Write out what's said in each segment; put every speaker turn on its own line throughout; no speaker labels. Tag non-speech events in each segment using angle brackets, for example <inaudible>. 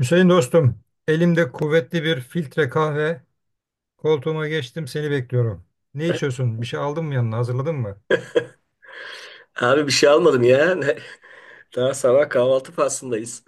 Hüseyin dostum, elimde kuvvetli bir filtre kahve. Koltuğuma geçtim, seni bekliyorum. Ne içiyorsun? Bir şey aldın mı yanına? Hazırladın mı?
Abi bir şey almadım ya. <laughs> Daha sabah kahvaltı faslındayız.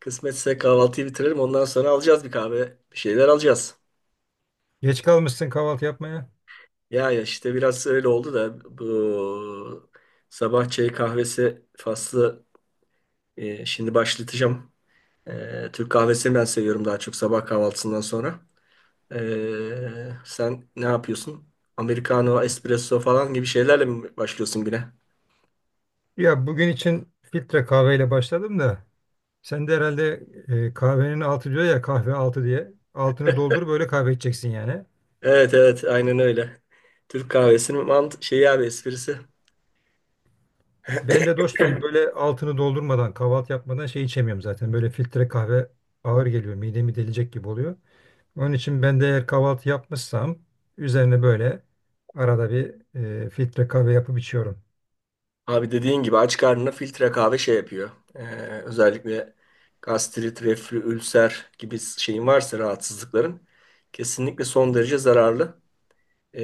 Kısmetse kahvaltıyı bitirelim. Ondan sonra alacağız bir kahve. Bir şeyler alacağız.
Geç kalmışsın kahvaltı yapmaya.
Ya işte biraz öyle oldu da bu sabah çay kahvesi faslı şimdi başlatacağım. E, Türk kahvesini ben seviyorum daha çok sabah kahvaltısından sonra. E, sen ne yapıyorsun? Americano, espresso falan gibi şeylerle mi başlıyorsun güne?
Ya bugün için filtre kahveyle başladım da sen de herhalde kahvenin altı diyor ya kahve altı diye. Altını doldur böyle kahve içeceksin yani.
Evet, aynen öyle. Türk kahvesinin mant şeyi abi esprisi.
Ben de dostum böyle altını doldurmadan kahvaltı yapmadan şey içemiyorum zaten. Böyle filtre kahve ağır geliyor. Midemi delecek gibi oluyor. Onun için ben de eğer kahvaltı yapmışsam üzerine böyle arada bir filtre kahve yapıp içiyorum.
Abi dediğin gibi aç karnına filtre kahve şey yapıyor. Özellikle gastrit, reflü, ülser gibi şeyin varsa rahatsızlıkların kesinlikle son derece zararlı. Ee,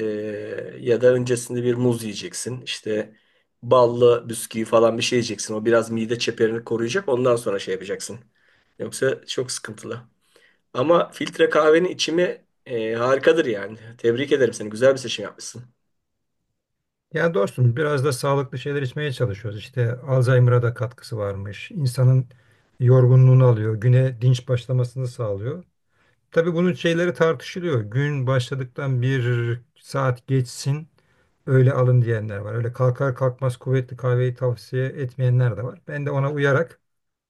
Ya da öncesinde bir muz yiyeceksin. İşte ballı bisküvi falan bir şey yiyeceksin. O biraz mide çeperini koruyacak. Ondan sonra şey yapacaksın. Yoksa çok sıkıntılı. Ama filtre kahvenin içimi harikadır yani. Tebrik ederim seni. Güzel bir seçim yapmışsın.
Yani dostum biraz da sağlıklı şeyler içmeye çalışıyoruz. İşte Alzheimer'a da katkısı varmış. İnsanın yorgunluğunu alıyor. Güne dinç başlamasını sağlıyor. Tabii bunun şeyleri tartışılıyor. Gün başladıktan bir saat geçsin öyle alın diyenler var. Öyle kalkar kalkmaz kuvvetli kahveyi tavsiye etmeyenler de var. Ben de ona uyarak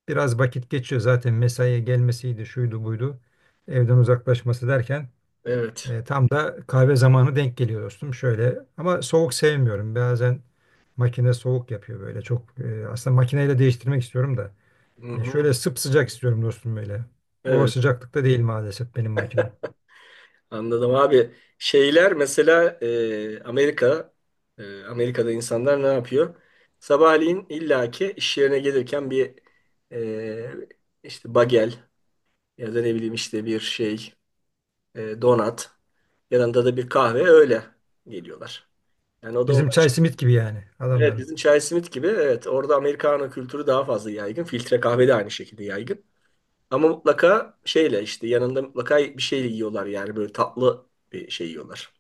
biraz vakit geçiyor zaten mesaiye gelmesiydi, şuydu buydu. Evden uzaklaşması derken
Evet.
tam da kahve zamanı denk geliyor dostum. Şöyle ama soğuk sevmiyorum. Bazen makine soğuk yapıyor böyle çok. Aslında makineyle değiştirmek istiyorum da.
Hı hı.
Şöyle sıcak istiyorum dostum böyle. O
Evet.
sıcaklıkta değil maalesef benim makine.
Anladım abi. Şeyler mesela Amerika Amerika'da insanlar ne yapıyor? Sabahleyin illaki iş yerine gelirken bir e, işte bagel ya da ne bileyim işte bir şey donat yanında da bir kahve öyle geliyorlar. Yani o da
Bizim
onlar
çay simit gibi yani
evet
adamların.
bizim Chai Smith gibi, evet, orada Americano kültürü daha fazla yaygın. Filtre kahve de aynı şekilde yaygın. Ama mutlaka şeyle işte yanında mutlaka bir şey yiyorlar yani böyle tatlı bir şey yiyorlar.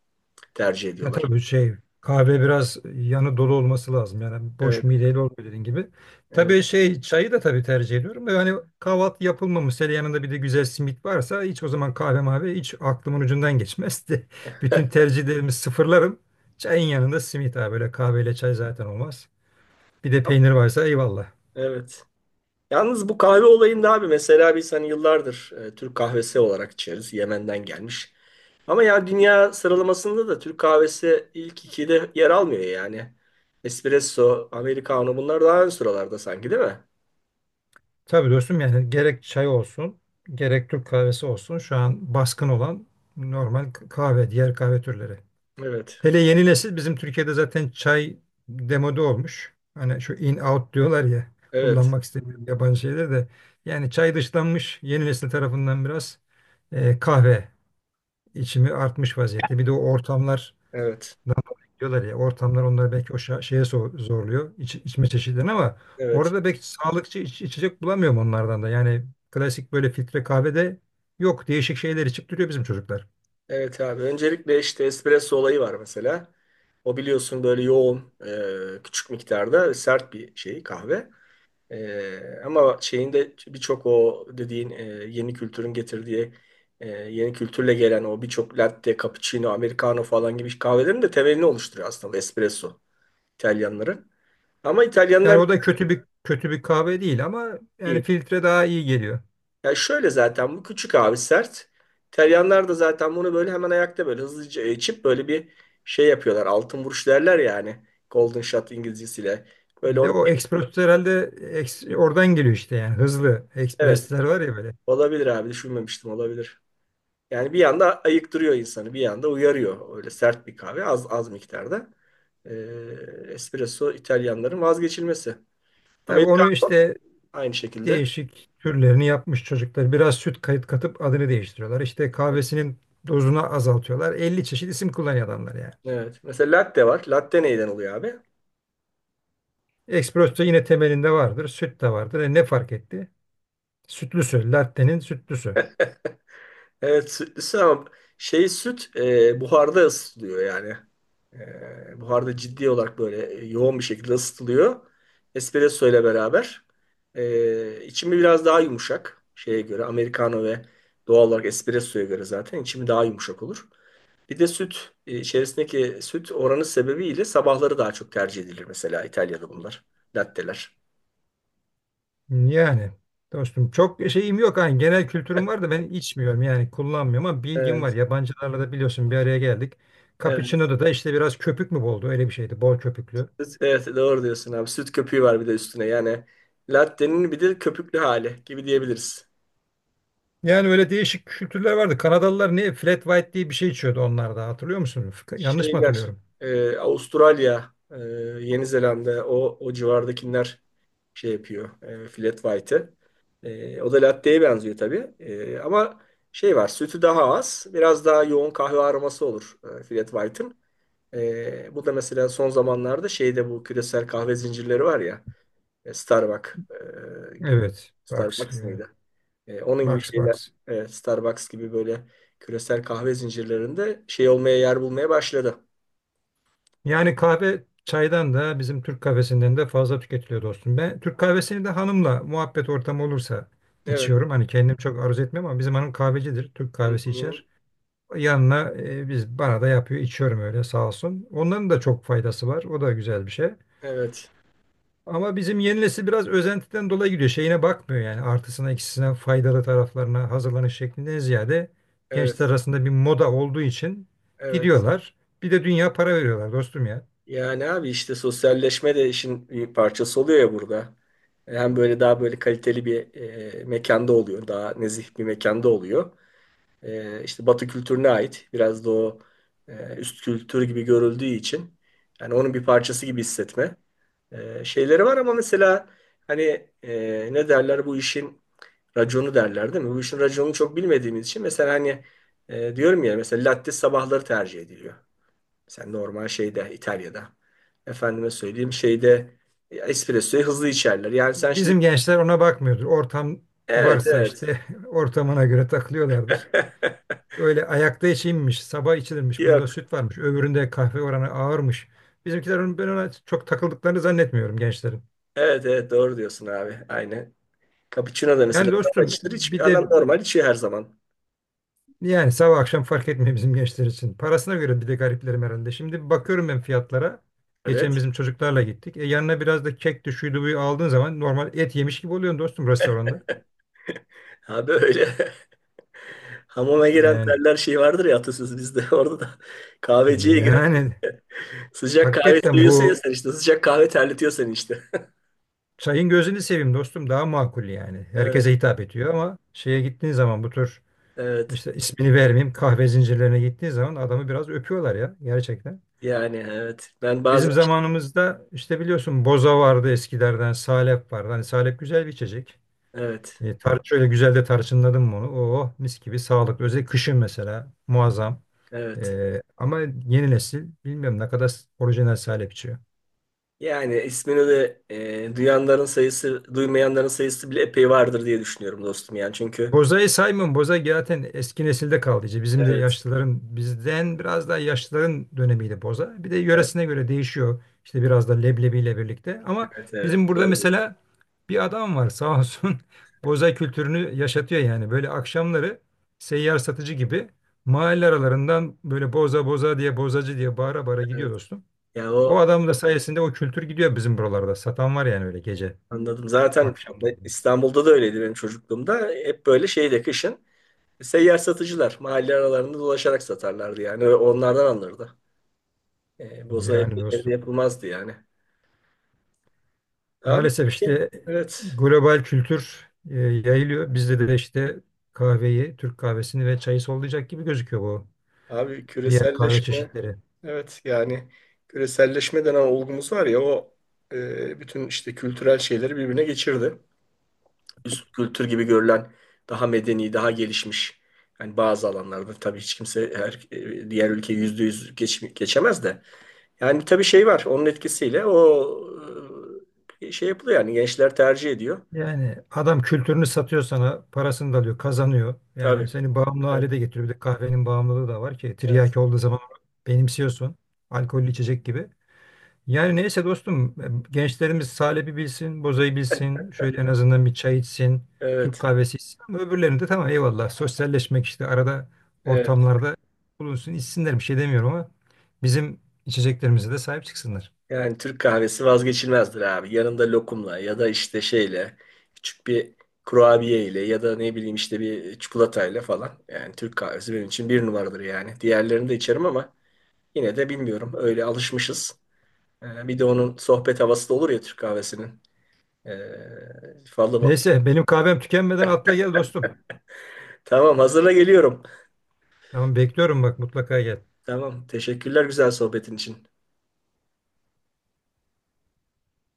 Tercih
Ya
ediyorlar.
tabii şey kahve biraz yanı dolu olması lazım. Yani boş
Evet,
mideyle olmuyor dediğin gibi.
evet.
Tabii şey çayı da tabii tercih ediyorum. Da yani kahvaltı yapılmamış. Hele yanında bir de güzel simit varsa hiç o zaman kahve mavi hiç aklımın ucundan geçmezdi. <laughs> Bütün tercihlerimi sıfırlarım. Çayın yanında simit abi böyle kahveyle çay zaten olmaz. Bir de peynir varsa eyvallah.
Evet. Yalnız bu kahve olayında abi mesela biz hani yıllardır Türk kahvesi olarak içeriz. Yemen'den gelmiş. Ama ya dünya sıralamasında da Türk kahvesi ilk ikide yer almıyor yani. Espresso, Americano bunlar daha ön sıralarda sanki değil mi?
Tabii dostum yani gerek çay olsun gerek Türk kahvesi olsun şu an baskın olan normal kahve diğer kahve türleri.
Evet.
Hele yeni nesil bizim Türkiye'de zaten çay demode olmuş. Hani şu in out diyorlar ya
Evet.
kullanmak istemiyorum yabancı şeyler de. Yani çay dışlanmış yeni nesil tarafından biraz kahve içimi artmış vaziyette. Bir de o ortamlar
Evet.
diyorlar ya ortamlar onları belki o şeye zorluyor içme çeşitlerini ama
Evet.
orada belki sağlıkçı içecek bulamıyorum onlardan da. Yani klasik böyle filtre kahvede yok değişik şeyler içip duruyor bizim çocuklar.
Evet abi. Öncelikle işte espresso olayı var mesela. O biliyorsun böyle yoğun, küçük miktarda sert bir şey kahve. E, ama şeyinde birçok o dediğin yeni kültürün getirdiği yeni kültürle gelen o birçok latte, cappuccino, americano falan gibi kahvelerin de temelini oluşturuyor aslında bu espresso İtalyanların. Ama
Yani
İtalyanlar
o da kötü bir kahve değil ama yani filtre daha iyi geliyor.
ya şöyle zaten bu küçük abi sert. İtalyanlar da zaten bunu böyle hemen ayakta böyle hızlıca içip böyle bir şey yapıyorlar. Altın vuruş derler yani. Golden shot İngilizcesiyle. Böyle
Bir de
onu
o ekspres herhalde oradan geliyor işte yani hızlı
evet,
ekspresler var ya böyle.
olabilir abi, düşünmemiştim, olabilir. Yani bir yanda ayıktırıyor insanı bir yanda uyarıyor. Öyle sert bir kahve az az miktarda. Espresso İtalyanların vazgeçilmesi.
Tabii onu
Americano
işte
aynı şekilde.
değişik türlerini yapmış çocuklar. Biraz süt kayıt katıp adını değiştiriyorlar. İşte kahvesinin dozunu azaltıyorlar. 50 çeşit isim kullanıyor adamlar yani.
Evet. Mesela latte var. Latte neyden oluyor abi?
Espresso yine temelinde vardır. Süt de vardır. E ne fark etti? Sütlüsü. Latte'nin sütlüsü.
Evet, sütlü ama şey süt buharda ısıtılıyor yani. E, buharda ciddi olarak böyle yoğun bir şekilde ısıtılıyor. Espresso ile beraber. E, içimi biraz daha yumuşak şeye göre. Americano ve doğal olarak espressoya göre zaten içimi daha yumuşak olur. Bir de süt içerisindeki süt oranı sebebiyle sabahları daha çok tercih edilir mesela İtalya'da bunlar. Latteler.
Yani dostum çok şeyim yok hani genel kültürüm var da ben içmiyorum yani kullanmıyorum ama bilgim var.
Evet.
Yabancılarla da biliyorsun bir araya geldik.
Evet.
Cappuccino'da da işte biraz köpük mü boldu öyle bir şeydi bol köpüklü.
Süt- evet, doğru diyorsun abi. Süt köpüğü var bir de üstüne. Yani latte'nin bir de köpüklü hali gibi diyebiliriz.
Yani öyle değişik kültürler vardı. Kanadalılar ne flat white diye bir şey içiyordu onlar da hatırlıyor musun? Yanlış mı
Şeyler
hatırlıyorum?
Avustralya, Yeni Zelanda o civardakiler şey yapıyor. E, flat white'ı. E, o da latte'ye benziyor tabii. E, ama şey var, sütü daha az. Biraz daha yoğun kahve aroması olur flat white'ın. E, bu da mesela son zamanlarda şeyde bu küresel kahve zincirleri var ya. E, Starbucks. E,
Evet. Box.
Starbucks mıydı? E, onun gibi
Box
şeyler,
box.
e, Starbucks gibi böyle küresel kahve zincirlerinde şey olmaya yer bulmaya başladı.
Yani kahve çaydan da bizim Türk kahvesinden de fazla tüketiliyor dostum. Ben Türk kahvesini de hanımla muhabbet ortamı olursa
Evet.
içiyorum. Hani kendim çok arzu etmem ama bizim hanım kahvecidir. Türk
Hı
kahvesi
hı.
içer. Yanına biz bana da yapıyor. İçiyorum öyle sağ olsun. Onların da çok faydası var. O da güzel bir şey.
Evet.
Ama bizim yeni nesil biraz özentiden dolayı gidiyor. Şeyine bakmıyor yani artısına eksisine faydalı taraflarına hazırlanış şeklinden ziyade gençler
Evet.
arasında bir moda olduğu için
Evet.
gidiyorlar. Bir de dünya para veriyorlar dostum ya.
Yani abi işte sosyalleşme de işin bir parçası oluyor ya burada. Hem böyle daha böyle kaliteli bir mekanda oluyor. Daha nezih bir mekanda oluyor. E, işte Batı kültürüne ait. Biraz da o üst kültür gibi görüldüğü için yani onun bir parçası gibi hissetme şeyleri var ama mesela hani ne derler bu işin raconu derler değil mi? Bu işin raconunu çok bilmediğimiz için mesela hani diyorum ya mesela latte sabahları tercih ediliyor. Mesela normal şeyde İtalya'da efendime söyleyeyim şeyde espressoyu hızlı içerler. Yani sen şimdi
Bizim gençler ona bakmıyordur. Ortam
evet
varsa
evet
işte <laughs> ortamına göre takılıyorlardır.
<laughs>
Öyle ayakta içilmiş, sabah içilirmiş, bunda
yok.
süt varmış, öbüründe kahve oranı ağırmış. Bizimkiler ben ona çok takıldıklarını zannetmiyorum gençlerin.
Evet, doğru diyorsun abi. Aynen. Cappuccino da mesela
Yani
zam
dostum
içilir. Hiç,
bir de
adam normal içiyor her zaman.
yani sabah akşam fark etmiyor bizim gençler için. Parasına göre bir de gariplerim herhalde. Şimdi bakıyorum ben fiyatlara. Geçen
Evet.
bizim çocuklarla gittik. E yanına biraz da kek de şuydu buyu aldığın zaman normal et yemiş gibi oluyorsun dostum restoranda.
Ha böyle. <laughs> Hamama giren
Yani
terler şey vardır ya atasözü bizde. <laughs> Orada da kahveciye giren
yani
sıcak kahve
hakikaten bu
seviyorsun ya sen işte. Sıcak kahve terletiyor seni işte. <laughs>
çayın gözünü seveyim dostum daha makul yani.
Evet,
Herkese hitap ediyor ama şeye gittiğin zaman bu tür
evet.
işte ismini vermeyeyim kahve zincirlerine gittiğin zaman adamı biraz öpüyorlar ya gerçekten.
Yani evet. Ben
Bizim
bazen
zamanımızda işte biliyorsun boza vardı eskilerden, salep vardı. Hani salep güzel bir içecek.
evet,
E, tar Şöyle güzel de tarçınladım bunu. Oo mis gibi sağlıklı. Özellikle kışın mesela muazzam.
evet.
Ama yeni nesil bilmiyorum ne kadar orijinal salep içiyor.
Yani ismini de duyanların sayısı, duymayanların sayısı bile epey vardır diye düşünüyorum dostum yani. Çünkü
Boza'yı saymıyorum. Boza zaten eski nesilde kaldı. İşte bizim de
evet,
yaşlıların, bizden biraz daha yaşlıların dönemiydi Boza. Bir de
evet,
yöresine göre değişiyor. İşte biraz da leblebiyle birlikte. Ama
evet, evet.
bizim burada
Doğru.
mesela bir adam var sağ olsun. <laughs> Boza kültürünü yaşatıyor yani. Böyle akşamları seyyar satıcı gibi mahalle aralarından böyle boza boza diye bozacı diye bağıra bağıra gidiyor
Evet.
dostum.
Ya
O
o
adam da sayesinde o kültür gidiyor bizim buralarda. Satan var yani öyle gece
anladım. Zaten
akşamları.
İstanbul'da da öyleydi benim çocukluğumda. Hep böyle şeyde kışın seyyar satıcılar mahalle aralarında dolaşarak satarlardı yani. Ve onlardan alınırdı. E, boza
Yani
evde
dostum.
yapılmazdı yani. Abi
Maalesef işte
evet.
global kültür yayılıyor. Bizde de işte kahveyi, Türk kahvesini ve çayı sollayacak gibi gözüküyor bu
Abi
diğer kahve
küreselleşme
çeşitleri.
evet yani küreselleşme denen olgumuz var ya o bütün işte kültürel şeyleri birbirine geçirdi. Üst kültür gibi görülen, daha medeni, daha gelişmiş. Yani bazı alanlarda tabii hiç kimse her, diğer ülke yüzde yüz geçemez de. Yani tabii şey var onun etkisiyle o şey yapılıyor yani gençler tercih ediyor.
Yani adam kültürünü satıyor sana, parasını da alıyor, kazanıyor. Yani
Tabii.
seni bağımlı
Evet.
hale de getiriyor. Bir de kahvenin bağımlılığı da var ki
Evet.
tiryaki olduğu zaman benimsiyorsun. Alkollü içecek gibi. Yani neyse dostum gençlerimiz Salep'i bilsin, Boza'yı bilsin, şöyle en azından bir çay içsin, Türk
Evet.
kahvesi içsin ama öbürlerini de tamam eyvallah sosyalleşmek işte arada
Evet.
ortamlarda bulunsun içsinler bir şey demiyorum ama bizim içeceklerimize de sahip çıksınlar.
Yani Türk kahvesi vazgeçilmezdir abi. Yanında lokumla ya da işte şeyle küçük bir kurabiye ya da ne bileyim işte bir çikolatayla falan. Yani Türk kahvesi benim için bir numaradır yani. Diğerlerini de içerim ama yine de bilmiyorum. Öyle alışmışız. Bir de onun sohbet havası da olur ya Türk kahvesinin. Fazla...
Neyse benim kahvem tükenmeden atla gel dostum.
Tamam, hazırla geliyorum.
Tamam bekliyorum bak mutlaka gel.
Tamam. Teşekkürler güzel sohbetin için.